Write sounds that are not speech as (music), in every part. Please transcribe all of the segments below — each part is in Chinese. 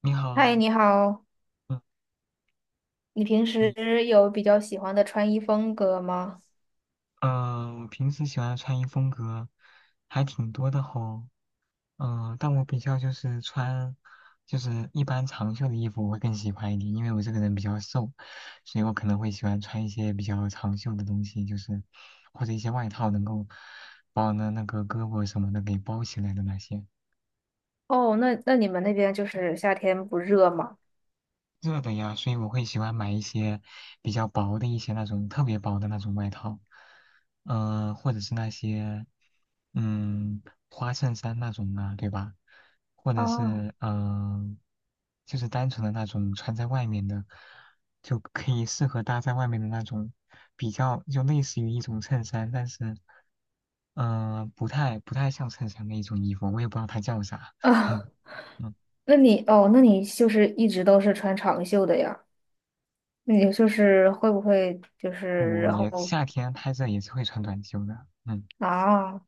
你嗨，好。你好，嗯。你平你时有比较喜欢的穿衣风格吗？我平时喜欢的穿衣风格还挺多的吼。但我比较就是穿，就是一般长袖的衣服我会更喜欢一点，因为我这个人比较瘦，所以我可能会喜欢穿一些比较长袖的东西，就是或者一些外套能够把我的那个胳膊什么的给包起来的那些。哦，那你们那边就是夏天不热吗？热的呀，所以我会喜欢买一些比较薄的一些那种特别薄的那种外套，或者是那些嗯花衬衫那种啊，对吧？或者啊是就是单纯的那种穿在外面的，就可以适合搭在外面的那种，比较就类似于一种衬衫，但是不太像衬衫的一种衣服，我也不知道它叫啥。啊，(laughs) (laughs) 嗯，那你哦，那你就是一直都是穿长袖的呀？那你就是会不会就是我然后也夏天拍热也是会穿短袖的。嗯。啊？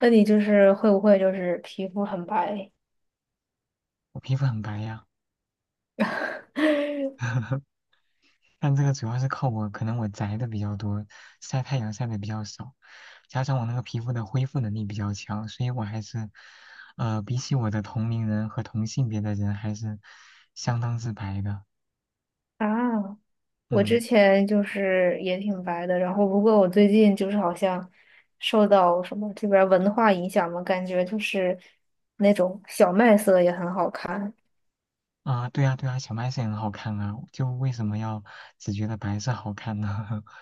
那你就是会不会就是皮肤很白 我皮肤很白呀。(laughs) (laughs) 但这个主要是靠我，可能我宅的比较多，晒太阳晒的比较少，加上我那个皮肤的恢复能力比较强，所以我还是，比起我的同龄人和同性别的人，还是相当之白的。啊？我之嗯。前就是也挺白的，然后不过我最近就是好像受到什么这边儿文化影响嘛，感觉就是那种小麦色也很好看。啊、对啊，对啊，小麦是很好看啊，就为什么要只觉得白色好看呢？(laughs)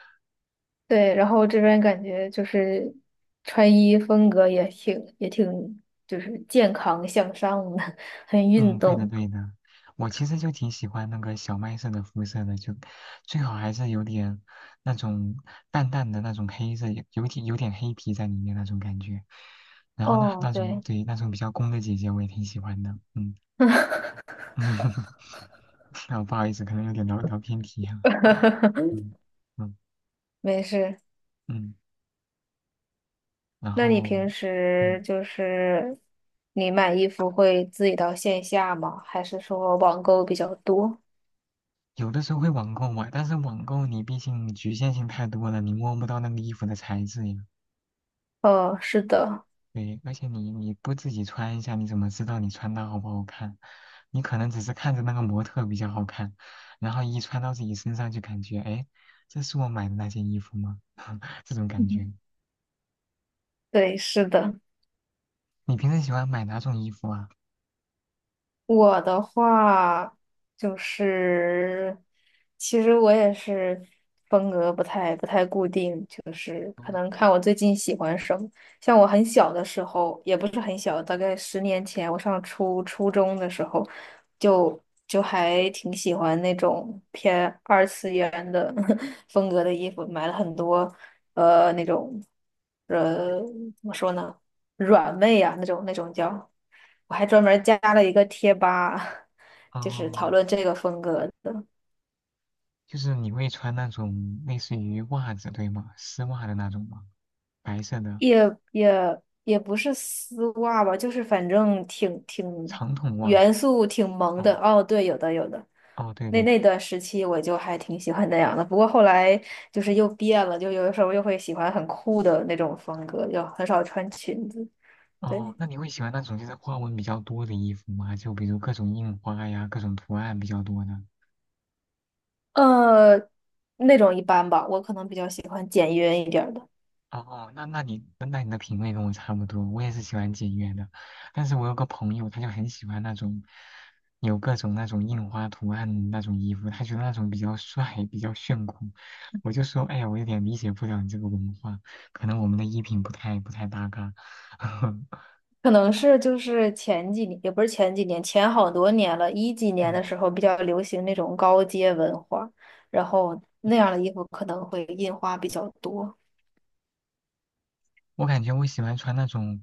对，然后这边感觉就是穿衣风格也挺就是健康向上的，(laughs) 很运嗯，对的动。对的，我其实就挺喜欢那个小麦色的肤色的，就最好还是有点那种淡淡的那种黑色，有点黑皮在里面那种感觉。然后呢，哦，那种对，对那种比较攻的姐姐我也挺喜欢的。嗯嗯。(laughs) 啊，不好意思，可能有点聊聊偏题了。(laughs) 嗯嗯没事。嗯，然那你平后时嗯就是你买衣服会自己到线下吗？还是说网购比较多？有的时候会网购嘛，但是网购你毕竟局限性太多了，你摸不到那个衣服的材质呀。是的，对，而且你不自己穿一下，你怎么知道你穿搭好不好看？你可能只是看着那个模特比较好看，然后一穿到自己身上就感觉，哎，这是我买的那件衣服吗？(laughs) 这种感觉。嗯对，是的。你平时喜欢买哪种衣服啊？我的话就是，其实我也是风格不太固定，就是可嗯能看我最近喜欢什么。像我很小的时候，也不是很小，大概十年前，我上初中的时候，就还挺喜欢那种偏二次元的 (laughs) 风格的衣服，买了很多，那种，呃，怎么说呢，软妹啊，那种叫。我还专门加了一个贴吧，(laughs) 哦，就是讨哦论这个风格的，就是你会穿那种类似于袜子，对吗？丝袜的那种吗？白色的也也也不是丝袜吧，就是反正挺长筒袜。元素挺萌的。哦哦，对，有的有的。哦，对那对那对。段时期我就还挺喜欢那样的，不过后来就是又变了，就有的时候又会喜欢很酷的那种风格，就很少穿裙子。哦，对，那你会喜欢那种就是花纹比较多的衣服吗？就比如各种印花呀，各种图案比较多的。呃，那种一般吧，我可能比较喜欢简约一点儿的。哦，那你的品味跟我差不多，我也是喜欢简约的，但是我有个朋友，他就很喜欢那种有各种那种印花图案的那种衣服，他觉得那种比较帅，比较炫酷。我就说，哎呀，我有点理解不了你这个文化，可能我们的衣品不太搭嘎。(laughs) 可能是就是前几年，也不是前几年，前好多年了，一几年嗯，的时候比较流行那种高阶文化，然后那样的衣服可能会印花比较多。我感觉我喜欢穿那种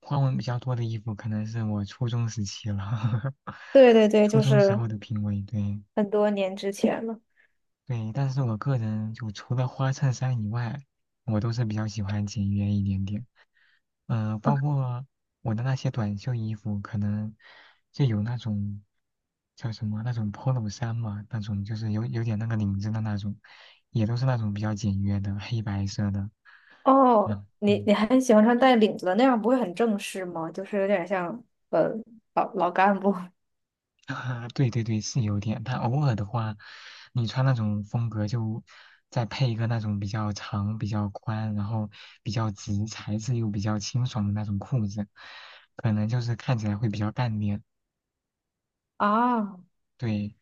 花纹比较多的衣服，可能是我初中时期了，对对 (laughs) 对，初就中时是候的品味，对。很多年之前了。对，但是我个人就除了花衬衫以外，我都是比较喜欢简约一点点。包括我的那些短袖衣服，可能就有那种叫什么那种 polo 衫嘛，那种就是有点那个领子的那种，也都是那种比较简约的黑白色的。哦，嗯你嗯。你还喜欢穿带领子的，那样不会很正式吗？就是有点像呃老老干部 (laughs) 啊，对对对，是有点。但偶尔的话，你穿那种风格，就再配一个那种比较长、比较宽，然后比较直，材质又比较清爽的那种裤子，可能就是看起来会比较干练。(laughs) 啊。对，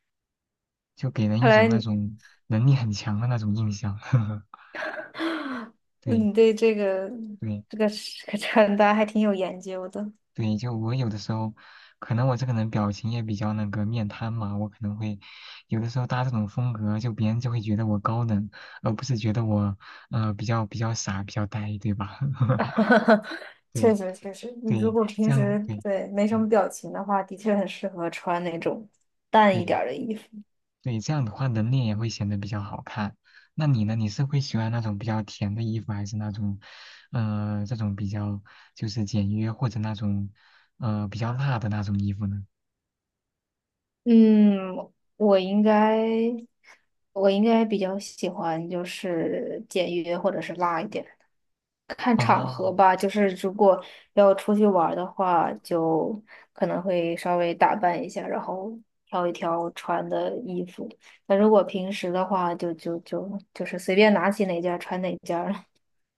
就给人看一种来那你 种能力很强的那种印象。(laughs) (gasps) (sighs) 对你对这个对。这个这个穿搭还挺有研究的。对，就我有的时候，可能我这个人表情也比较那个面瘫嘛，我可能会有的时候搭这种风格，就别人就会觉得我高冷，而不是觉得我比较傻、比较呆，对吧？(laughs) (laughs) 哈哈，确对实确实，你如对，果平这样时对，对没什嗯么表情的话，的确很适合穿那种淡一点对儿的衣服。对，这样的话人脸也会显得比较好看。那你呢？你是会喜欢那种比较甜的衣服，还是那种这种比较就是简约或者那种比较辣的那种衣服呢？嗯，我应该我应该比较喜欢就是简约或者是辣一点，看场合哦。 吧。就是如果要出去玩儿的话，就可能会稍微打扮一下，然后挑一挑穿的衣服。那如果平时的话，就是随便拿起哪件儿穿哪件。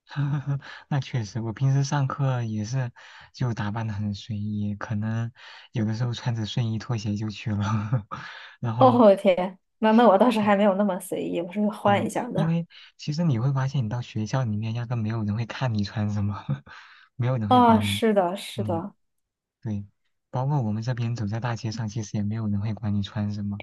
(laughs) 那确实，我平时上课也是就打扮的很随意，可能有的时候穿着睡衣拖鞋就去了。(laughs) 然 (laughs) 后，哦天，那那我倒是还没有那么随意，我是换一嗯、下因的。为其实你会发现，你到学校里面压根没有人会看你穿什么，(laughs) 没有人会啊、管你。是的，是嗯，的，对，包括我们这边走在大街上，其实也没有人会管你穿什么，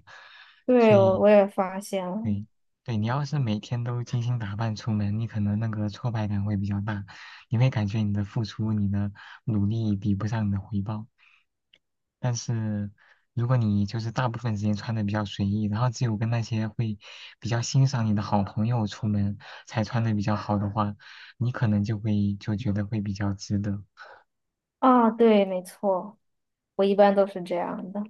所对，我以我也发现了。对，对你要是每天都精心打扮出门，你可能那个挫败感会比较大，你会感觉你的付出、你的努力比不上你的回报。但是如果你就是大部分时间穿的比较随意，然后只有跟那些会比较欣赏你的好朋友出门才穿的比较好的话，你可能就会就觉得会比较值得。啊，对，没错，我一般都是这样的。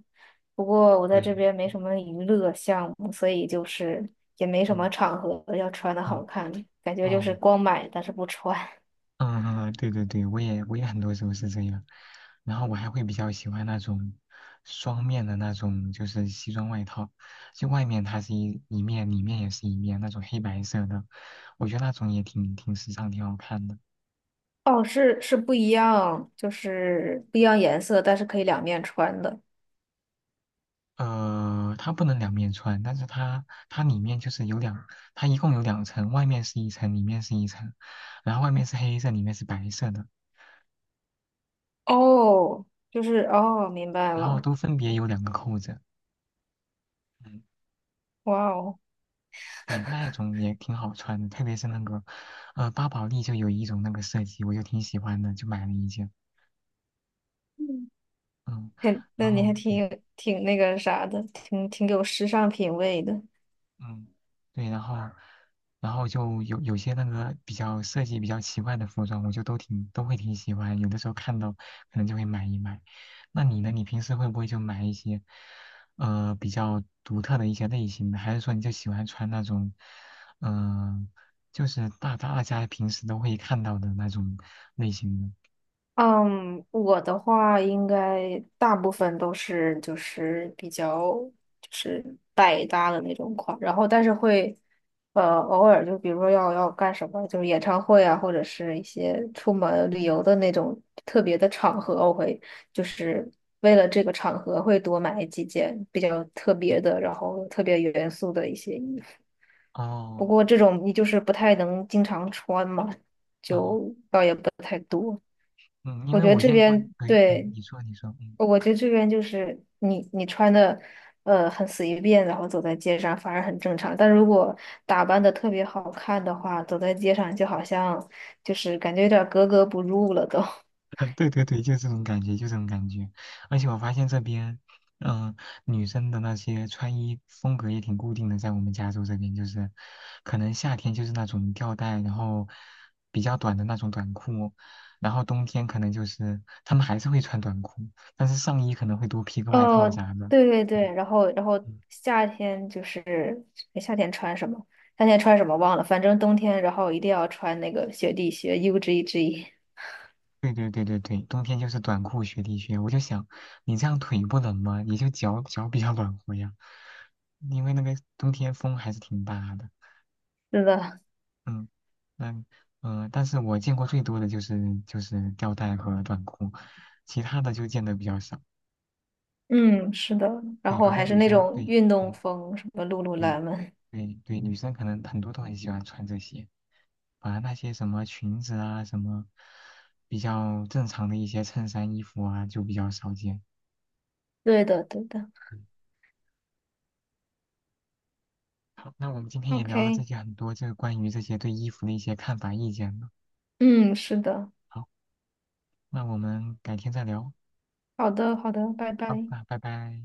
不过我在对，这边没什么娱乐项目，所以就是也没什么嗯，场合要穿的哦好看，感觉就是哦。光买但是不穿。嗯嗯，嗯对对对，我也很多时候是这样，然后我还会比较喜欢那种双面的那种，就是西装外套，就外面它是一面，里面也是一面，那种黑白色的，我觉得那种也挺时尚，挺好看的。哦，是是不一样，就是不一样颜色，但是可以两面穿的。它不能两面穿，但是它里面就是有两，它一共有两层，外面是一层，里面是一层，然后外面是黑色，里面是白色的，哦，就是哦，明白然后了。都分别有两个扣子。嗯哇哦。对，那一种也挺好穿的，特别是那个，巴宝莉就有一种那个设计，我就挺喜欢的，就买了一件。嗯，还然那你后还挺对，有挺那个啥的，挺挺有时尚品味的。嗯，对，然后就有些那个比较设计比较奇怪的服装，我就都挺都会挺喜欢，有的时候看到可能就会买一买。那你呢？你平时会不会就买一些，比较独特的一些类型的？还是说你就喜欢穿那种，嗯、就是大家平时都会看到的那种类型的。嗯，我的话应该大部分都是就是比较就是百搭的那种款，然后但是会偶尔就比如说要干什么，就是演唱会啊，或者是一些出门旅游的那种特别的场合，我会就是为了这个场合会多买几件比较特别的，然后特别元素的一些衣服。不哦过这种你就是不太能经常穿嘛，哦，就倒也不太多。嗯，因我为觉得我这见过，边对，嗯，对，你说你说，嗯。我觉得这边就是你你穿的很随便，然后走在街上反而很正常。但如果打扮的特别好看的话，走在街上就好像就是感觉有点儿格格不入了都。(laughs) 对对对，就这种感觉，就这种感觉。而且我发现这边，嗯、女生的那些穿衣风格也挺固定的，在我们加州这边，就是可能夏天就是那种吊带，然后比较短的那种短裤，然后冬天可能就是她们还是会穿短裤，但是上衣可能会多披 (laughs) 个外套哦，啥的。对对对，嗯然后然后嗯，夏天就是夏天穿什么？夏天穿什么忘了，反正冬天然后一定要穿那个雪地靴 UGG。对对对对对，冬天就是短裤、雪地靴。我就想，你这样腿不冷吗？你就脚比较暖和呀，因为那个冬天风还是挺大的。是的，嗯。那但是我见过最多的就是吊带和短裤，其他的就见的比较少。嗯，是的，然对，后好还像是女那生种对，运动嗯，风，什么露露对兰们，对对，女生可能很多都很喜欢穿这些，反而那些什么裙子啊，什么比较正常的一些衬衫、衣服啊，就比较少见。对的，对的好，那我们今天也聊了这，OK，些很多，这个关于这些对衣服的一些看法、意见了。嗯，是的，好，那我们改天再聊。好的，好的，拜好，拜。那拜拜。